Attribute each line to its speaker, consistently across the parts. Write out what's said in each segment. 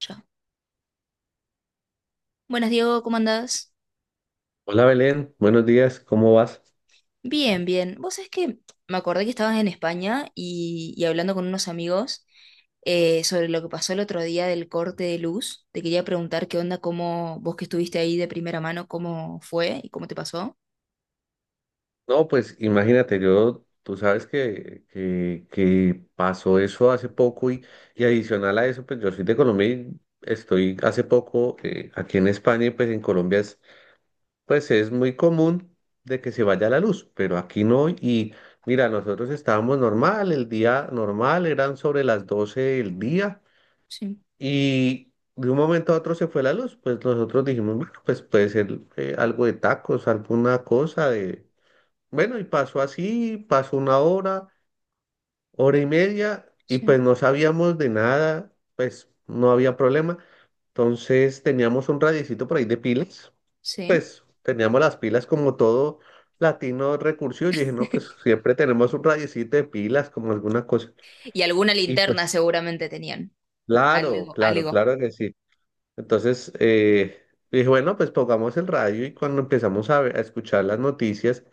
Speaker 1: Ya. Buenas, Diego, ¿cómo andás?
Speaker 2: Hola Belén, buenos días, ¿cómo vas?
Speaker 1: Bien, bien. Vos sabés que me acordé que estabas en España y hablando con unos amigos sobre lo que pasó el otro día del corte de luz. Te quería preguntar qué onda, cómo vos que estuviste ahí de primera mano, cómo fue y cómo te pasó.
Speaker 2: No, pues imagínate, yo, tú sabes que pasó eso hace poco y adicional a eso, pues yo soy de Colombia y estoy hace poco aquí en España y pues en Colombia pues es muy común de que se vaya la luz, pero aquí no y mira, nosotros estábamos normal, el día normal eran sobre las 12 del día.
Speaker 1: Sí,
Speaker 2: Y de un momento a otro se fue la luz, pues nosotros dijimos, bueno, pues puede ser algo de tacos, alguna cosa de. Bueno, y pasó así, pasó una hora, hora y media, y
Speaker 1: sí,
Speaker 2: pues no sabíamos de nada, pues no había problema. Entonces teníamos un radiecito por ahí de pilas,
Speaker 1: sí.
Speaker 2: pues teníamos las pilas como todo latino recursivo. Yo dije, no, pues siempre tenemos un radiecito de pilas como alguna cosa.
Speaker 1: Y alguna
Speaker 2: Y
Speaker 1: linterna
Speaker 2: pues,
Speaker 1: seguramente tenían.
Speaker 2: claro,
Speaker 1: Algo,
Speaker 2: claro,
Speaker 1: algo.
Speaker 2: claro que sí. Entonces, dije, bueno, pues pongamos el radio y cuando empezamos a escuchar las noticias,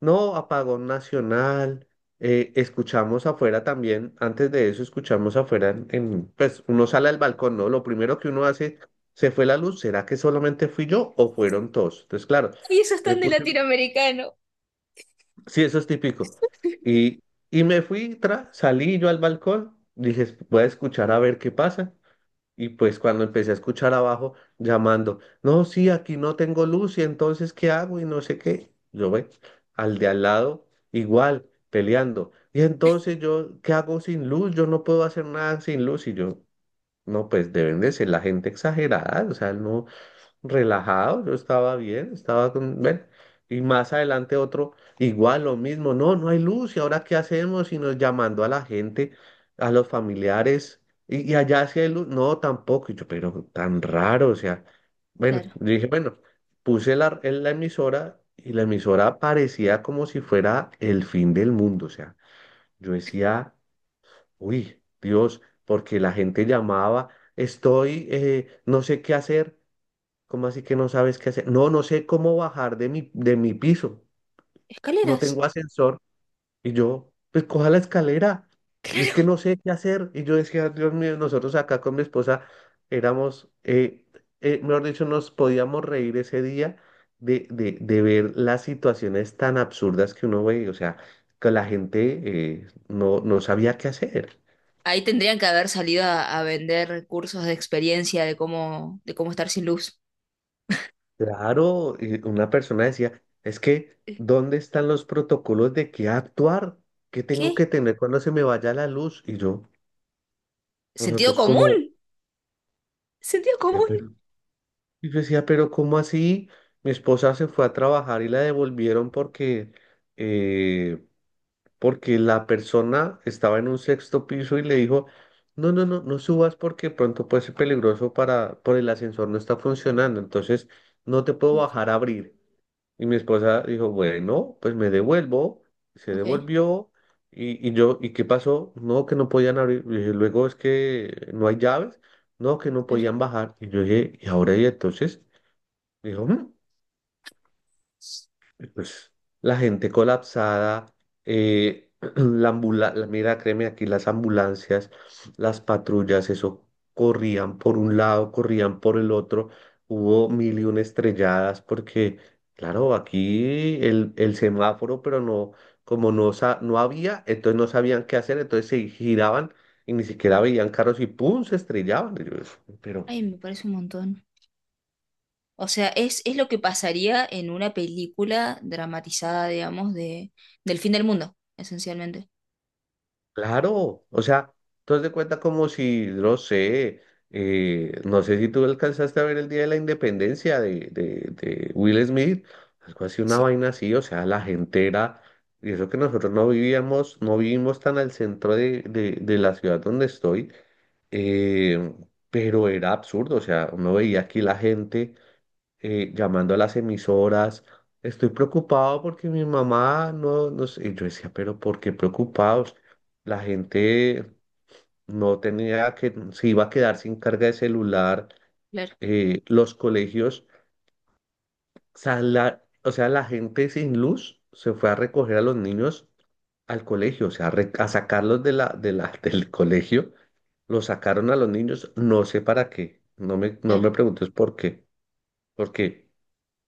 Speaker 2: no, apagón nacional, escuchamos afuera también, antes de eso escuchamos afuera, pues uno sale al balcón, ¿no? Lo primero que uno hace, se fue la luz, ¿será que solamente fui yo o fueron todos? Entonces, claro,
Speaker 1: Y eso es
Speaker 2: me
Speaker 1: tan de
Speaker 2: puse,
Speaker 1: latinoamericano.
Speaker 2: sí, eso es típico. Y, y me fui, salí yo al balcón, dije, voy a escuchar a ver qué pasa. Y pues cuando empecé a escuchar abajo llamando, no, sí, aquí no tengo luz y entonces ¿qué hago? Y no sé qué. Yo ve al de al lado igual peleando. Y entonces yo, ¿qué hago sin luz? Yo no puedo hacer nada sin luz. Y yo, no, pues deben de ser la gente exagerada. O sea, no, relajado, yo estaba bien, estaba con, ven, y más adelante otro, igual lo mismo, no, no hay luz, ¿y ahora qué hacemos? Y nos llamando a la gente, a los familiares, y allá sí hay luz, no, tampoco, y yo, pero tan raro, o sea, bueno,
Speaker 1: Claro.
Speaker 2: yo dije, bueno, puse la, en la emisora y la emisora parecía como si fuera el fin del mundo, o sea, yo decía, uy, Dios, porque la gente llamaba, estoy, no sé qué hacer. ¿Cómo así que no sabes qué hacer? No, no sé cómo bajar de mi piso. No
Speaker 1: Escaleras.
Speaker 2: tengo ascensor. Y yo, pues coja la escalera. Es que
Speaker 1: Claro.
Speaker 2: no sé qué hacer. Y yo decía, Dios mío, nosotros acá con mi esposa éramos, mejor dicho, nos podíamos reír ese día de ver las situaciones tan absurdas que uno ve. O sea, que la gente no sabía qué hacer.
Speaker 1: Ahí tendrían que haber salido a vender cursos de experiencia de cómo estar sin luz.
Speaker 2: Claro, y una persona decía, es que,
Speaker 1: Eh,
Speaker 2: ¿dónde están los protocolos de qué actuar? ¿Qué tengo que
Speaker 1: ¿Qué?
Speaker 2: tener cuando se me vaya la luz? Y yo,
Speaker 1: ¿Sentido
Speaker 2: nosotros
Speaker 1: común?
Speaker 2: como,
Speaker 1: ¿Sentido
Speaker 2: decía,
Speaker 1: común?
Speaker 2: pero, y yo decía, pero ¿cómo así? Mi esposa se fue a trabajar y la devolvieron porque, eh, porque la persona estaba en un sexto piso y le dijo, no, no, no, no subas porque pronto puede ser peligroso para, por el ascensor no está funcionando, entonces no te puedo
Speaker 1: Ok,
Speaker 2: bajar a abrir. Y mi esposa dijo, bueno, pues me devuelvo. Se
Speaker 1: ok.
Speaker 2: devolvió. Y yo, ¿y qué pasó? No, que no podían abrir. Y dije, luego es que no hay llaves. No, que no
Speaker 1: Pero,
Speaker 2: podían bajar. Y yo dije, ¿y ahora y entonces? Dijo, "Mm", pues la gente colapsada, mira, créeme aquí, las ambulancias, las patrullas, eso corrían por un lado, corrían por el otro, hubo mil y una estrelladas porque, claro, aquí el semáforo, pero no, como no, no había, entonces no sabían qué hacer, entonces se giraban y ni siquiera veían carros y ¡pum! Se estrellaban. Y yo, pero.
Speaker 1: ay, me parece un montón. O sea, es lo que pasaría en una película dramatizada, digamos, de, del fin del mundo, esencialmente.
Speaker 2: Claro, o sea, tú haz de cuenta como si, no sé, no sé si tú alcanzaste a ver el Día de la Independencia de Will Smith, algo así, una
Speaker 1: Sí,
Speaker 2: vaina así, o sea, la gente era, y eso que nosotros no vivimos tan al centro de la ciudad donde estoy, eh, pero era absurdo, o sea, uno veía aquí la gente llamando a las emisoras. Estoy preocupado porque mi mamá no, no sé. Y yo decía, pero ¿por qué preocupados? La gente no tenía que, se iba a quedar sin carga de celular.
Speaker 1: claro,
Speaker 2: Los colegios, o sea, la gente sin luz se fue a recoger a los niños al colegio, o sea, a sacarlos del colegio. Los sacaron a los niños, no sé para qué. No me
Speaker 1: claro.
Speaker 2: preguntes por qué. Porque,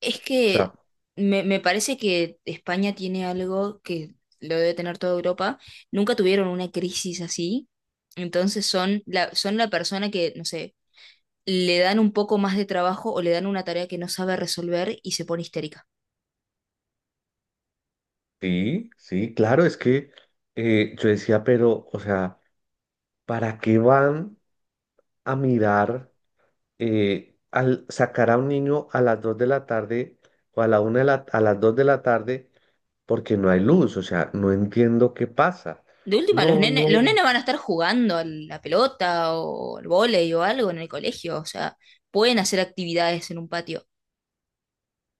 Speaker 1: Es
Speaker 2: o
Speaker 1: que
Speaker 2: sea.
Speaker 1: me parece que España tiene algo que lo debe tener toda Europa. Nunca tuvieron una crisis así. Entonces son la persona que, no sé, le dan un poco más de trabajo o le dan una tarea que no sabe resolver y se pone histérica.
Speaker 2: Sí, sí, claro, es que yo decía, pero, o sea, ¿para qué van a mirar al sacar a un niño a las 2 de la tarde o a la una de la, a las 2 de la tarde porque no hay luz? O sea, no entiendo qué pasa.
Speaker 1: De última, los
Speaker 2: No,
Speaker 1: nenes,
Speaker 2: no.
Speaker 1: los nenes van a estar jugando a la pelota o al vóley o algo en el colegio. O sea, pueden hacer actividades en un patio.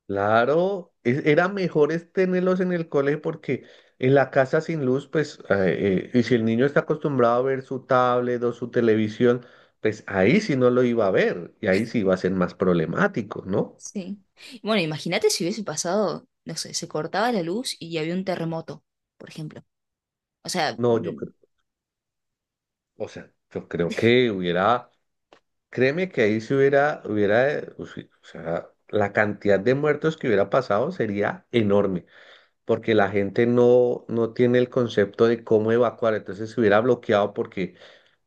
Speaker 2: Claro, era mejor es tenerlos en el colegio porque en la casa sin luz, pues, y si el niño está acostumbrado a ver su tablet o su televisión, pues ahí sí no lo iba a ver y ahí sí iba a ser más problemático, ¿no?
Speaker 1: Sí. Bueno, imagínate si hubiese pasado, no sé, se cortaba la luz y había un terremoto, por ejemplo. O sea,
Speaker 2: No, yo creo, o sea, yo creo que hubiera, créeme que ahí si hubiera, o si- o sea, la cantidad de muertos que hubiera pasado sería enorme porque la gente no tiene el concepto de cómo evacuar, entonces se hubiera bloqueado porque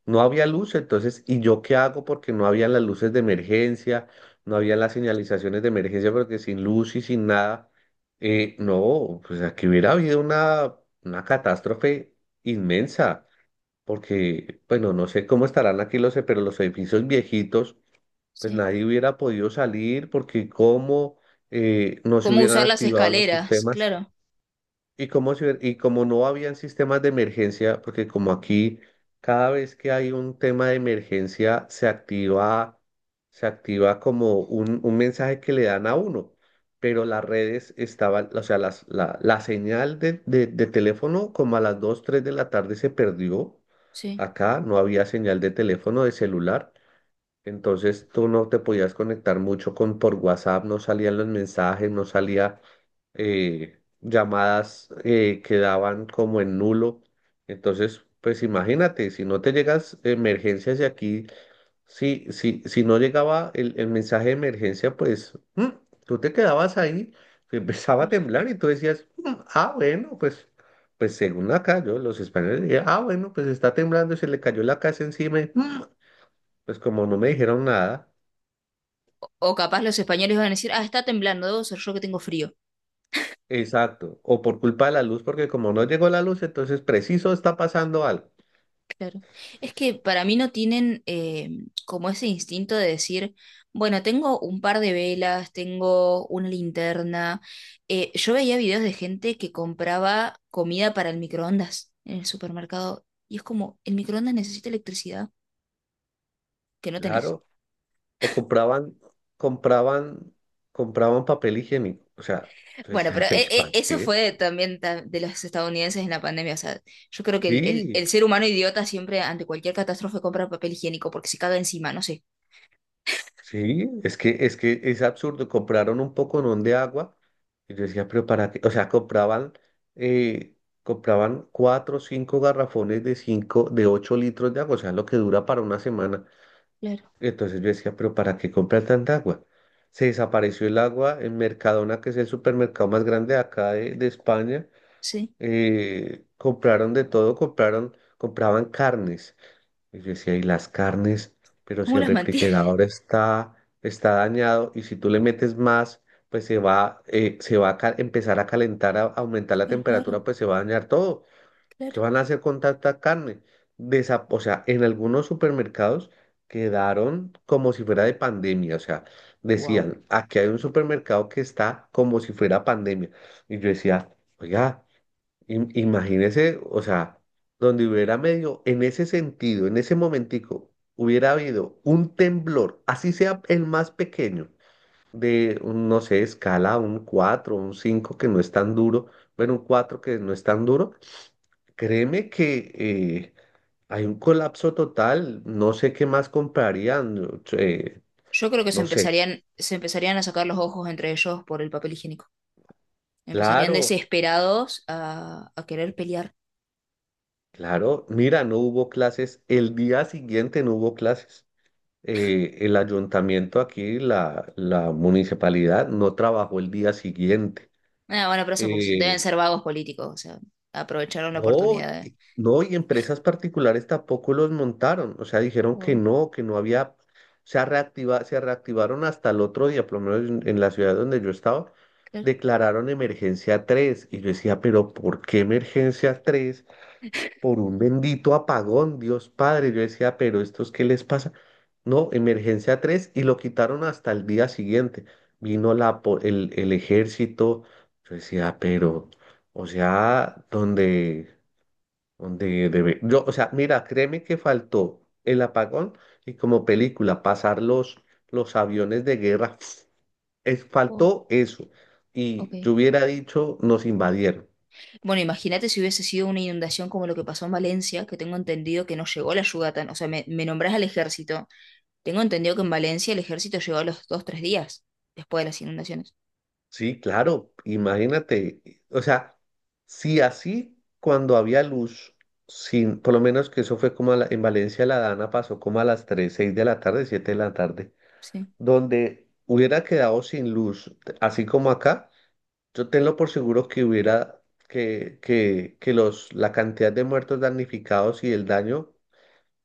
Speaker 2: no había luz, entonces, ¿y yo qué hago? Porque no habían las luces de emergencia, no habían las señalizaciones de emergencia, porque sin luz y sin nada, no, pues aquí hubiera habido una catástrofe inmensa, porque, bueno, no sé cómo estarán aquí pero los edificios viejitos, pues
Speaker 1: sí.
Speaker 2: nadie hubiera podido salir, porque cómo no se
Speaker 1: ¿Cómo
Speaker 2: hubieran
Speaker 1: usar las
Speaker 2: activado los
Speaker 1: escaleras?
Speaker 2: sistemas.
Speaker 1: Claro,
Speaker 2: Y como, y como no habían sistemas de emergencia, porque como aquí cada vez que hay un tema de emergencia se activa como un mensaje que le dan a uno, pero las redes estaban, o sea, la señal de teléfono como a las 2 3 de la tarde se perdió.
Speaker 1: sí.
Speaker 2: Acá no había señal de teléfono, de celular. Entonces tú no te podías conectar mucho con por WhatsApp, no salían los mensajes, no salía llamadas quedaban como en nulo. Entonces, pues imagínate, si no te llegas emergencias y aquí, si no llegaba el mensaje de emergencia, pues tú te quedabas ahí, te empezaba a
Speaker 1: Claro.
Speaker 2: temblar y tú decías, "Mm, ah, bueno, pues, pues según acá, yo, los españoles dirían, ah, bueno, pues está temblando, se le cayó la casa encima, y, Mm, pues como no me dijeron nada".
Speaker 1: O capaz los españoles van a decir, ah, está temblando, debo ser yo que tengo frío.
Speaker 2: Exacto, o por culpa de la luz, porque como no llegó la luz, entonces preciso está pasando algo.
Speaker 1: Claro. Es que para mí no tienen como ese instinto de decir, bueno, tengo un par de velas, tengo una linterna. Yo veía videos de gente que compraba comida para el microondas en el supermercado y es como, el microondas necesita electricidad que no tenés.
Speaker 2: Claro, o compraban, compraban papel higiénico. O sea, yo
Speaker 1: Bueno, pero
Speaker 2: decía, ¿para
Speaker 1: eso
Speaker 2: qué?
Speaker 1: fue también de los estadounidenses en la pandemia. O sea, yo creo que el, el-
Speaker 2: Sí,
Speaker 1: el ser humano idiota siempre ante cualquier catástrofe compra papel higiénico porque se caga encima, no sé.
Speaker 2: sí, es que, es absurdo. Compraron un poconón de agua y yo decía, pero para qué, o sea, compraban, eh, compraban cuatro o cinco garrafones de 8 litros de agua, o sea, lo que dura para una semana.
Speaker 1: Claro,
Speaker 2: Entonces yo decía, pero ¿para qué comprar tanta agua? Se desapareció el agua en Mercadona, que es el supermercado más grande de acá de España.
Speaker 1: sí.
Speaker 2: Compraron de todo, compraban carnes. Y yo decía, ¿y las carnes? Pero si
Speaker 1: ¿Cómo
Speaker 2: el
Speaker 1: las mantiene?
Speaker 2: refrigerador está dañado y si tú le metes más, pues se va a ca- empezar a calentar, a aumentar la temperatura,
Speaker 1: Claro,
Speaker 2: pues se va a dañar todo. ¿Qué
Speaker 1: claro.
Speaker 2: van a hacer con tanta carne? O sea, en algunos supermercados quedaron como si fuera de pandemia. O sea,
Speaker 1: Wow.
Speaker 2: decían, aquí hay un supermercado que está como si fuera pandemia. Y yo decía, oiga. Imagínese, o sea, donde hubiera medio, en ese sentido, en ese momentico, hubiera habido un temblor, así sea el más pequeño, de, un, no sé, escala, un 4, un 5 que no es tan duro, bueno, un 4 que no es tan duro, créeme que hay un colapso total, no sé qué más comprarían, no
Speaker 1: Yo creo que se
Speaker 2: no sé,
Speaker 1: empezarían, se empezarían a sacar los ojos entre ellos por el papel higiénico. Empezarían
Speaker 2: claro,
Speaker 1: desesperados a querer pelear.
Speaker 2: claro, mira, no hubo clases, el día siguiente no hubo clases. El ayuntamiento aquí, la municipalidad, no trabajó el día siguiente.
Speaker 1: Ah, bueno, pero eso porque deben
Speaker 2: Eh,
Speaker 1: ser vagos políticos. O sea, aprovecharon la
Speaker 2: no,
Speaker 1: oportunidad de-
Speaker 2: y- no, y empresas particulares tampoco los montaron. O sea, dijeron
Speaker 1: Wow,
Speaker 2: que no había, se reactivaron hasta el otro día, por lo menos en, la ciudad donde yo estaba,
Speaker 1: claro.
Speaker 2: declararon emergencia 3. Y yo decía, pero ¿por qué emergencia 3 por un bendito apagón, Dios Padre? Yo decía, pero ¿estos qué les pasa? No, emergencia 3 y lo quitaron hasta el día siguiente. Vino el ejército. Yo decía, pero, o sea, donde debe. Yo, o sea, mira, créeme que faltó el apagón y como película, pasar los aviones de guerra. Es,
Speaker 1: Wow,
Speaker 2: faltó eso.
Speaker 1: ok.
Speaker 2: Y yo hubiera dicho, nos invadieron.
Speaker 1: Bueno, imagínate si hubiese sido una inundación como lo que pasó en Valencia, que tengo entendido que no llegó la ayuda tan, o sea, me nombrás al ejército. Tengo entendido que en Valencia el ejército llegó a los dos, tres días después de las inundaciones.
Speaker 2: Sí, claro, imagínate, o sea, si así cuando había luz, sin, por lo menos que eso fue como en Valencia la Dana pasó como a las 3, 6 de la tarde, 7 de la tarde,
Speaker 1: Sí,
Speaker 2: donde hubiera quedado sin luz, así como acá, yo tengo por seguro que hubiera, que la cantidad de muertos damnificados y el daño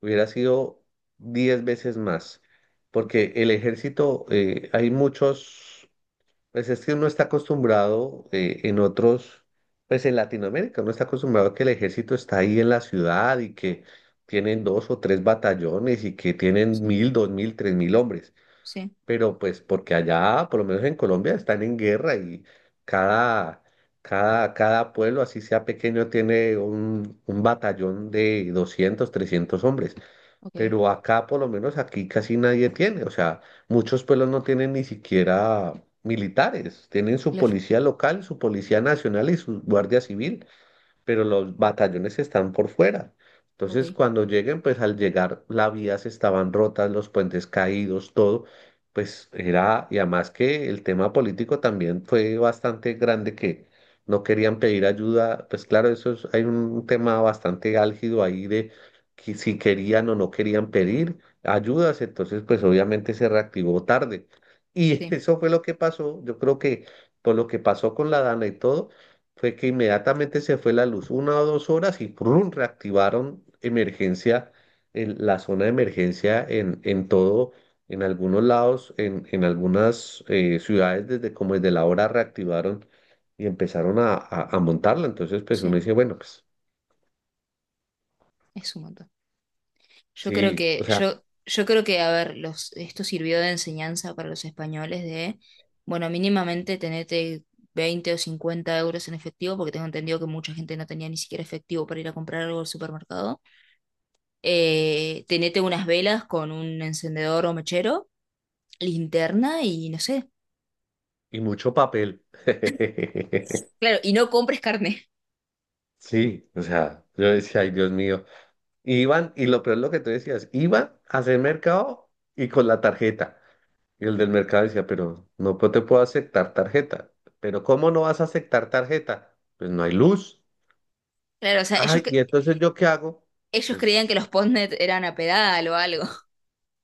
Speaker 2: hubiera sido 10 veces más,
Speaker 1: o-
Speaker 2: porque el ejército, hay muchos... Pues es que uno está acostumbrado en otros, pues en Latinoamérica, uno está acostumbrado que el ejército está ahí en la ciudad y que tienen dos o tres batallones y que tienen
Speaker 1: sí,
Speaker 2: 1.000, 2.000, 3.000 hombres.
Speaker 1: sí,
Speaker 2: Pero pues porque allá, por lo menos en Colombia, están en guerra y cada, cada pueblo, así sea pequeño, tiene un batallón de 200, 300 hombres,
Speaker 1: ok,
Speaker 2: pero acá, por lo menos aquí casi nadie tiene, o sea, muchos pueblos no tienen ni siquiera militares, tienen su
Speaker 1: claro,
Speaker 2: policía local, su policía nacional y su guardia civil, pero los batallones están por fuera.
Speaker 1: ok,
Speaker 2: Entonces, cuando lleguen, pues al llegar, las vías estaban rotas, los puentes caídos, todo, pues era, y además que el tema político también fue bastante grande, que no querían pedir ayuda, pues claro, eso es, hay un tema bastante álgido ahí de que si querían o no querían pedir ayudas, entonces pues obviamente se reactivó tarde. Y
Speaker 1: sí,
Speaker 2: eso fue lo que pasó, yo creo que por lo que pasó con la Dana y todo, fue que inmediatamente se fue la luz, 1 o 2 horas y ¡prum! Reactivaron emergencia, en la zona de emergencia, en todo, en algunos lados, en algunas ciudades, desde como desde la hora reactivaron y empezaron a montarla. Entonces, pues uno
Speaker 1: sí,
Speaker 2: dice, bueno, pues
Speaker 1: es un montón. Yo creo
Speaker 2: sí,
Speaker 1: que,
Speaker 2: o sea,
Speaker 1: yo, yo creo que, a ver, esto sirvió de enseñanza para los españoles de, bueno, mínimamente tenete 20 o 50 euros en efectivo, porque tengo entendido que mucha gente no tenía ni siquiera efectivo para ir a comprar algo al supermercado. Tenete unas velas con un encendedor o mechero, linterna y no sé.
Speaker 2: y mucho papel.
Speaker 1: Claro, y no compres carne.
Speaker 2: Sí, o sea, yo decía, ay, Dios mío. Iban, y lo peor es lo que tú decías, iban a hacer mercado y con la tarjeta. Y el del mercado decía, pero no te puedo aceptar tarjeta. ¿Pero cómo no vas a aceptar tarjeta? Pues no hay luz.
Speaker 1: Claro, o sea, ellos,
Speaker 2: Ay, ¿y
Speaker 1: que-
Speaker 2: entonces yo qué hago?
Speaker 1: ellos creían que
Speaker 2: Pues
Speaker 1: los postnet eran a pedal o algo.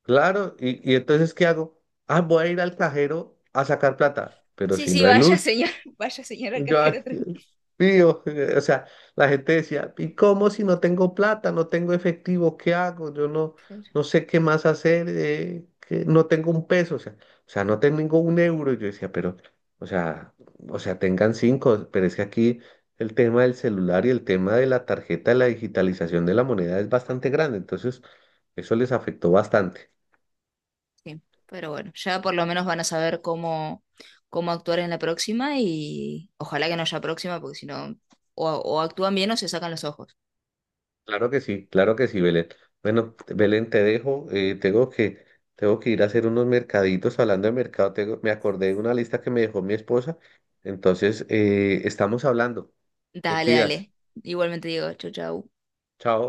Speaker 2: claro, ¿y entonces qué hago? Ah, voy a ir al cajero a sacar plata, pero
Speaker 1: Sí,
Speaker 2: si
Speaker 1: sí,
Speaker 2: no hay
Speaker 1: vaya
Speaker 2: luz.
Speaker 1: señor, vaya señora
Speaker 2: Yo,
Speaker 1: cajera
Speaker 2: aquí,
Speaker 1: tranquila.
Speaker 2: pío, o sea, la gente decía, ¿y cómo, si no tengo plata, no tengo efectivo, qué hago? Yo no,
Speaker 1: Claro,
Speaker 2: no sé qué más hacer, que no tengo un peso, o sea, no tengo un euro. Y yo decía, pero, o sea, o sea, tengan cinco, pero es que aquí el tema del celular y el tema de la tarjeta, la digitalización de la moneda es bastante grande, entonces eso les afectó bastante.
Speaker 1: sí. Pero bueno, ya por lo menos van a saber cómo, cómo actuar en la próxima y ojalá que no haya próxima, porque si no, o actúan bien o se sacan los ojos.
Speaker 2: Claro que sí, Belén. Bueno, Belén, te dejo, tengo que ir a hacer unos mercaditos. Hablando de mercado, me acordé de una lista que me dejó mi esposa. Entonces, estamos hablando. Te
Speaker 1: Dale,
Speaker 2: cuidas.
Speaker 1: dale. Igualmente digo, chau, chau.
Speaker 2: Chao.